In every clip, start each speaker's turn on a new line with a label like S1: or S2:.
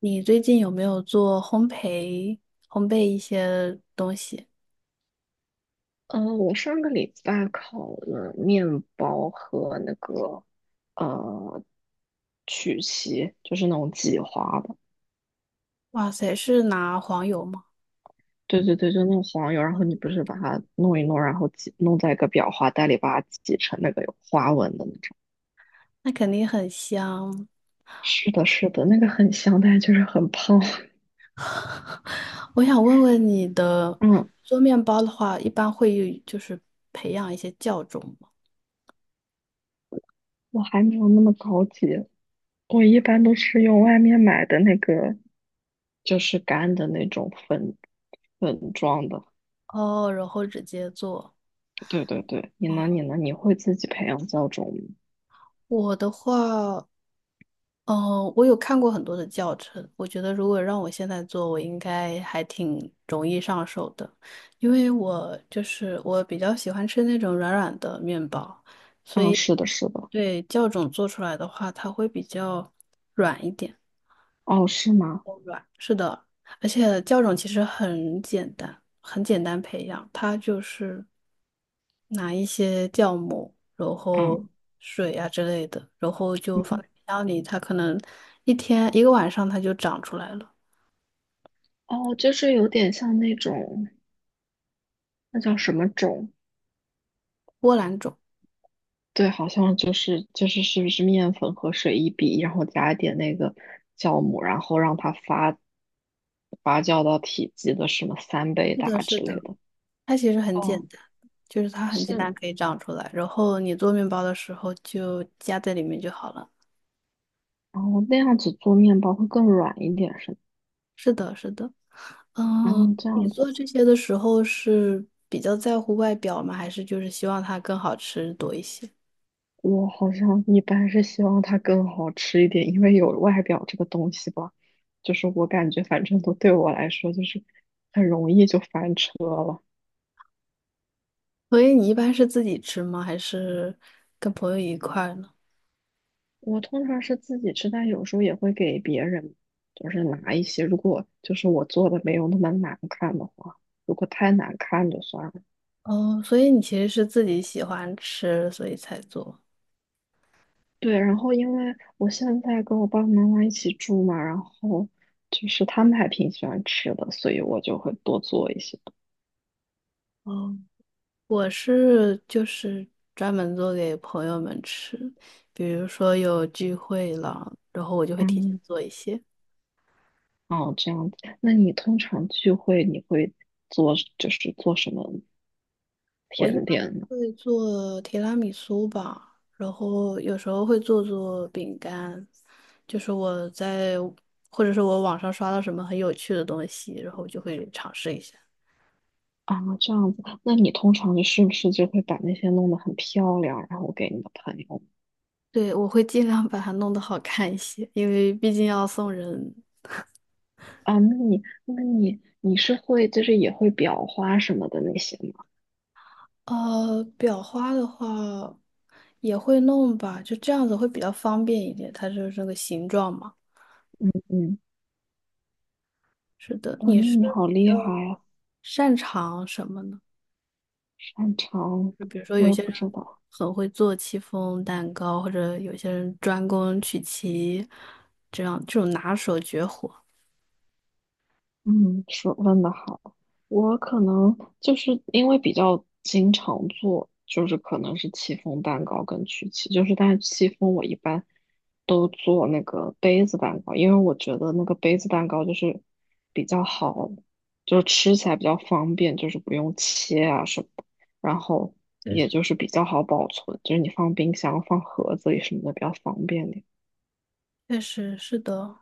S1: 你最近有没有做烘焙、烘焙一些东西？
S2: 我上个礼拜烤了面包和那个呃曲奇，就是那种挤花的。
S1: 哇塞，是拿黄油吗？
S2: 对对对，就那种黄油，然后你不
S1: 饼
S2: 是
S1: 干
S2: 把它弄一弄，然后挤弄在一个裱花袋里，把它挤成那个有花纹的那种。
S1: 那肯定很香。
S2: 是的，是的，那个很香，但是就是很胖。
S1: 我想问问你的，
S2: 嗯，
S1: 做面包的话，一般会培养一些酵种吗？
S2: 我还没有那么高级，我一般都是用外面买的那个，就是干的那种粉状的。
S1: 哦，然后直接做。
S2: 对对对，你呢？你
S1: 哦，
S2: 呢？你会自己培养教种吗？
S1: 我的话，哦，我有看过很多的教程，我觉得如果让我现在做，我应该还挺容易上手的，因为我就是我比较喜欢吃那种软软的面包，所
S2: 嗯，
S1: 以
S2: 是的，是的。
S1: 对酵种做出来的话，它会比较软一点，
S2: 哦，是吗？
S1: 哦软。是的，而且酵种其实很简单，很简单培养，它就是拿一些酵母，然后
S2: 嗯
S1: 水啊之类的，然后就放
S2: 嗯，
S1: 在冰箱里，它可能一天一个晚上它就长出来了。
S2: 哦，就是有点像那种，那叫什么种？
S1: 波兰种，
S2: 对，好像就是是不是面粉和水一比，然后加一点那个酵母，然后让它发酵到体积的什么三倍
S1: 是的，
S2: 大
S1: 是
S2: 之类
S1: 的，
S2: 的。
S1: 它其实很简
S2: 哦，
S1: 单，就是它很简单
S2: 是，
S1: 可以长出来，然后你做面包的时候就加在里面就好了。
S2: 然后那样子做面包会更软一点，是吗？
S1: 是的，是的，嗯，
S2: 哦，这
S1: 你
S2: 样子。
S1: 做这些的时候是比较在乎外表吗？还是就是希望它更好吃多一些？
S2: 我好像一般是希望它更好吃一点，因为有外表这个东西吧，就是我感觉反正都对我来说就是很容易就翻车了。
S1: 所以你一般是自己吃吗？还是跟朋友一块儿呢？
S2: 我通常是自己吃，但有时候也会给别人，就是拿一些，如果就是我做的没有那么难看的话，如果太难看就算了。
S1: 哦，所以你其实是自己喜欢吃，所以才做。
S2: 对，然后因为我现在跟我爸爸妈妈一起住嘛，然后就是他们还挺喜欢吃的，所以我就会多做一些。
S1: 哦，我是专门做给朋友们吃，比如说有聚会了，然后我就会提前
S2: 嗯，
S1: 做一些。
S2: 哦，这样子。那你通常聚会你会做，就是做什么
S1: 我一
S2: 甜
S1: 般
S2: 点呢？
S1: 会做提拉米苏吧，然后有时候会做做饼干，就是我在或者是我网上刷到什么很有趣的东西，然后我就会尝试一下。
S2: 啊，这样子。那你通常不是就会把那些弄得很漂亮，然后给你的朋友？
S1: 对，我会尽量把它弄得好看一些，因为毕竟要送人。
S2: 啊，那你你是会就是也会裱花什么的那些吗？
S1: 裱花的话也会弄吧，就这样子会比较方便一点，它就是这个形状嘛。
S2: 嗯，
S1: 是的，
S2: 哇，
S1: 你
S2: 那
S1: 是
S2: 你好
S1: 比较
S2: 厉害啊，
S1: 擅长什么呢？
S2: 擅长，
S1: 就比如说，
S2: 我
S1: 有
S2: 也
S1: 些
S2: 不
S1: 人
S2: 知道。
S1: 很会做戚风蛋糕，或者有些人专攻曲奇，这样这种拿手绝活。
S2: 嗯，说问的好，我可能就是因为比较经常做，就是可能是戚风蛋糕跟曲奇，就是但是戚风我一般都做那个杯子蛋糕，因为我觉得那个杯子蛋糕就是比较好，就是吃起来比较方便，就是不用切啊什么的，然后
S1: 确
S2: 也
S1: 实，
S2: 就是比较好保存，就是你放冰箱、放盒子里什么的比较方便点。
S1: 确实是的，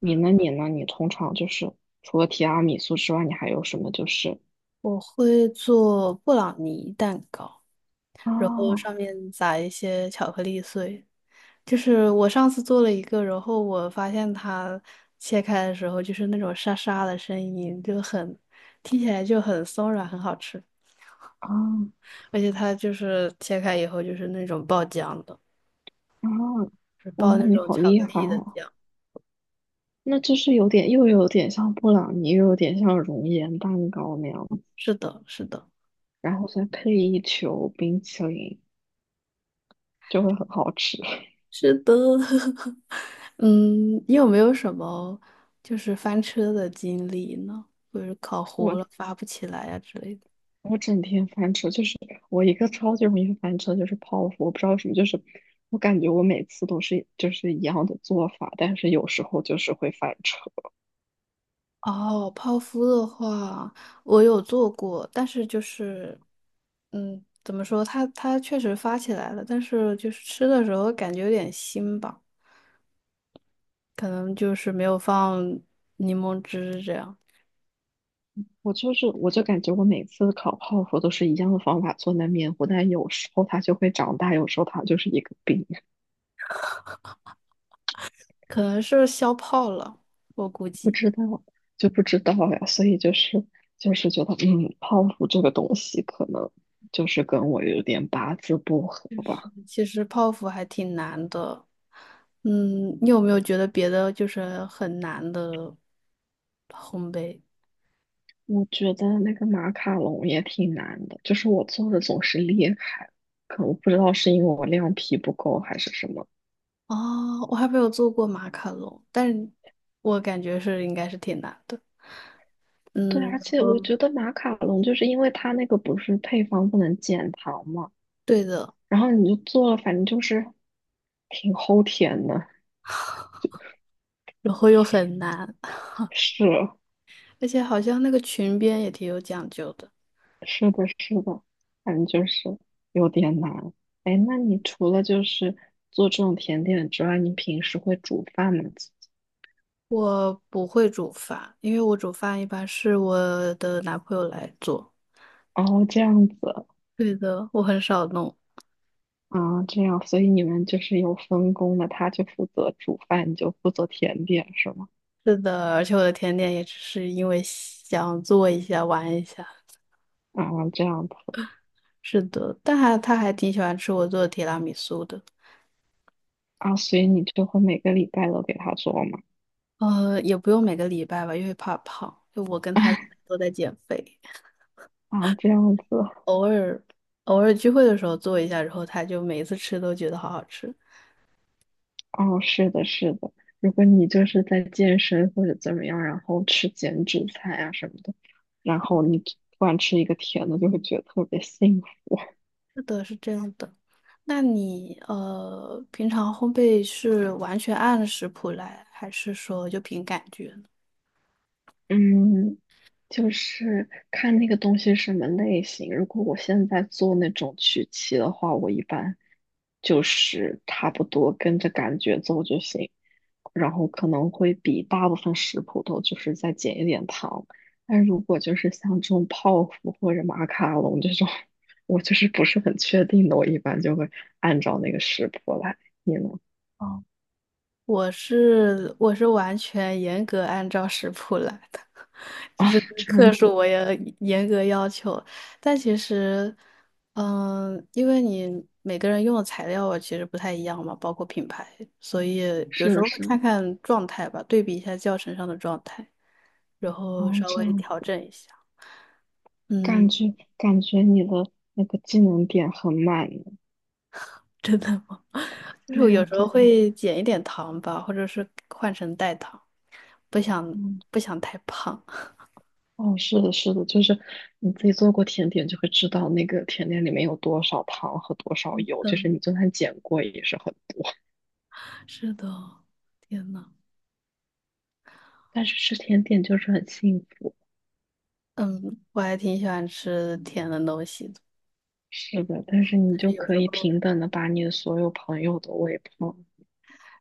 S2: 你呢？你通常就是除了提拉米苏之外，你还有什么就是？
S1: 我会做布朗尼蛋糕，然后上
S2: 啊
S1: 面撒一些巧克力碎。就是我上次做了一个，然后我发现它切开的时候就是那种沙沙的声音，就很听起来就很松软，很好吃。
S2: 啊
S1: 而且它就是切开以后就是那种爆浆的，
S2: 啊！
S1: 是
S2: 哇，
S1: 爆那
S2: 你
S1: 种
S2: 好
S1: 巧
S2: 厉
S1: 克
S2: 害
S1: 力的
S2: 啊！
S1: 浆。
S2: 那就是有点，又有点像布朗尼，又有点像熔岩蛋糕那样子，
S1: 是的，是的，
S2: 然后再配一球冰淇淋，就会很好吃。
S1: 是的。嗯，你有没有什么就是翻车的经历呢？或者是烤糊了
S2: 我
S1: 发不起来呀、之类的？
S2: 我整天翻车，就是我一个超级容易翻车，就是泡芙。我不知道为什么，就是我感觉我每次都是就是一样的做法，但是有时候就是会翻车。
S1: 哦，泡芙的话，我有做过，但是就是，嗯，怎么说？它确实发起来了，但是就是吃的时候感觉有点腥吧，可能就是没有放柠檬汁这样，
S2: 我就感觉我每次烤泡芙都是一样的方法做那面糊，但有时候它就会长大，有时候它就是一个饼，
S1: 可能是消泡了，我估
S2: 不
S1: 计。
S2: 知道就不知道呀。所以就是觉得，嗯，泡芙这个东西可能就是跟我有点八字不合
S1: 就是
S2: 吧。
S1: 其实泡芙还挺难的，嗯，你有没有觉得别的就是很难的烘焙？
S2: 我觉得那个马卡龙也挺难的，就是我做的总是裂开，可我不知道是因为我量皮不够还是什么。
S1: 哦，我还没有做过马卡龙，但是我感觉是应该是挺难的。
S2: 对，
S1: 嗯，
S2: 而
S1: 然
S2: 且我
S1: 后
S2: 觉得马卡龙就是因为它那个不是配方不能减糖嘛。
S1: 对的，
S2: 然后你就做了，反正就是挺齁甜的。
S1: 然后又很难，
S2: 是
S1: 而且好像那个裙边也挺有讲究的。
S2: 是的，是的，反正就是有点难。哎，那你除了就是做这种甜点之外，你平时会煮饭吗？自己
S1: 我不会煮饭，因为我煮饭一般是我的男朋友来做。
S2: 哦，这样子
S1: 对的，我很少弄。
S2: 啊，这样，所以你们就是有分工的，他就负责煮饭，你就负责甜点，是吗？
S1: 是的，而且我的甜点也只是因为想做一下玩一下。
S2: 啊，这样子
S1: 是的，但还他还挺喜欢吃我做的提拉米苏的。
S2: 啊，所以你就会每个礼拜都给他做吗？
S1: 也不用每个礼拜吧，因为怕胖。就我跟他都在减肥，
S2: 啊，这样子，
S1: 偶尔偶尔聚会的时候做一下，然后他就每一次吃都觉得好好吃。
S2: 哦，是的，是的。如果你就是在健身或者怎么样，然后吃减脂菜啊什么的，然后你突然吃一个甜的，就会觉得特别幸福。
S1: 是的，是这样的。那你平常烘焙是完全按食谱来，还是说就凭感觉？
S2: 嗯，就是看那个东西是什么类型。如果我现在做那种曲奇的话，我一般就是差不多跟着感觉做就行，然后可能会比大部分食谱都就是再减一点糖。但如果就是像这种泡芙或者马卡龙这种，我就是不是很确定的，我一般就会按照那个食谱来。你呢？
S1: 我是完全严格按照食谱来的，就
S2: 啊，
S1: 是
S2: 这样
S1: 克数
S2: 子，
S1: 我也严格要求。但其实，嗯，因为你每个人用的材料啊其实不太一样嘛，包括品牌，所以有
S2: 是
S1: 时
S2: 的，
S1: 候会
S2: 是
S1: 看
S2: 的，
S1: 看状态吧，对比一下教程上的状态，然后
S2: 哦，
S1: 稍
S2: 这
S1: 微
S2: 样。
S1: 调整一下。
S2: 感
S1: 嗯，
S2: 觉 感觉你的那个技能点很满呢。
S1: 真的吗？就是
S2: 对
S1: 我有
S2: 啊，
S1: 时
S2: 对
S1: 候
S2: 啊，
S1: 会减一点糖吧，或者是换成代糖，不想
S2: 嗯，
S1: 不想太胖。
S2: 哦，是的，是的，就是你自己做过甜点就会知道那个甜点里面有多少糖和多少油，就是你
S1: 嗯。
S2: 就算减过也是很多。
S1: 是的，天呐，
S2: 但是吃甜点就是很幸福。
S1: 嗯，我还挺喜欢吃甜的东西的，
S2: 是的，但是你
S1: 但是
S2: 就
S1: 有
S2: 可
S1: 时
S2: 以
S1: 候
S2: 平等的把你的所有朋友都喂胖。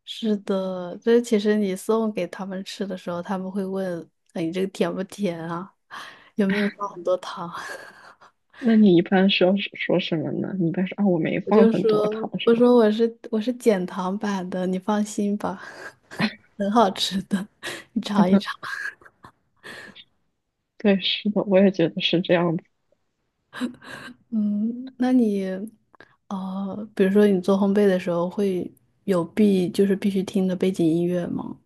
S1: 是的，这其实你送给他们吃的时候，他们会问，哎，你这个甜不甜啊？有没有放很多糖？
S2: 那你一般说什么呢？你一般说啊，我没
S1: 我
S2: 放
S1: 就
S2: 很多
S1: 说，
S2: 糖，是
S1: 我
S2: 吗？
S1: 说我是减糖版的，你放心吧，很好吃的，你尝一尝。
S2: 对，是的，我也觉得是这样的。
S1: 嗯，那你，哦，比如说你做烘焙的时候会有必就是必须听的背景音乐吗？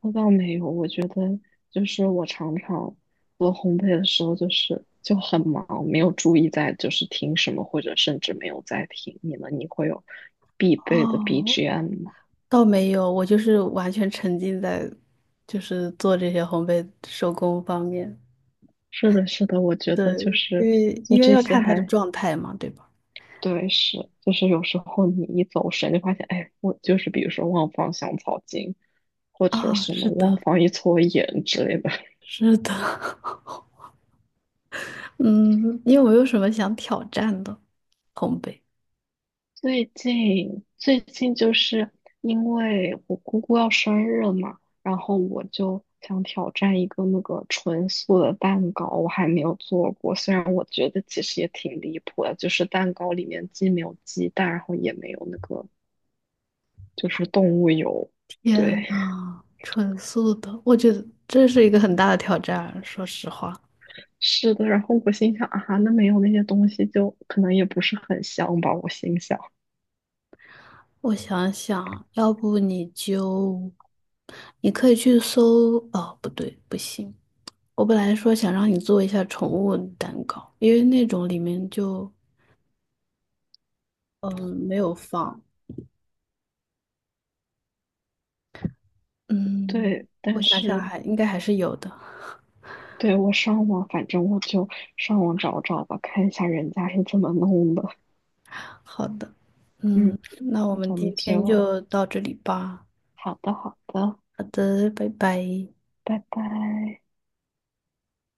S2: 那倒没有，我觉得就是我常常做烘焙的时候，就是就很忙，没有注意在就是听什么，或者甚至没有在听你们你会有必备的
S1: 哦，
S2: BGM 吗？
S1: 倒没有，我就是完全沉浸在做这些烘焙手工方面。
S2: 是的，是的，我觉得就
S1: 对，因
S2: 是
S1: 为
S2: 做
S1: 因为
S2: 这
S1: 要
S2: 些
S1: 看他的
S2: 还
S1: 状态嘛，对吧？
S2: 对，是就是有时候你一走神就发现，哎，我就是比如说忘放香草精，或者
S1: 啊、
S2: 什么
S1: 是
S2: 忘
S1: 的，
S2: 放一撮盐之类的，
S1: 是的。嗯，你有没有什么想挑战的烘焙？
S2: 最近就是因为我姑姑要生日了嘛，然后我就想挑战一个那个纯素的蛋糕，我还没有做过。虽然我觉得其实也挺离谱的，就是蛋糕里面既没有鸡蛋，然后也没有那个就是动物油。
S1: 天
S2: 对，
S1: 呐，纯素的，我觉得这是一个很大的挑战。说实话，
S2: 是的。然后我心想啊，那没有那些东西就可能也不是很香吧，我心想。
S1: 我想想，要不你就，你可以去搜，哦，不对，不行。我本来说想让你做一下宠物蛋糕，因为那种里面就没有放，嗯，
S2: 对，
S1: 我
S2: 但
S1: 想想
S2: 是
S1: 还应该还是有的。
S2: 对，我上网，反正我就上网找找吧，看一下人家是怎么弄的。
S1: 好的，嗯，
S2: 嗯，
S1: 那我们
S2: 我
S1: 今
S2: 们
S1: 天
S2: 就
S1: 就到这里吧。
S2: 好的，好的，
S1: 好的，拜拜。
S2: 拜拜。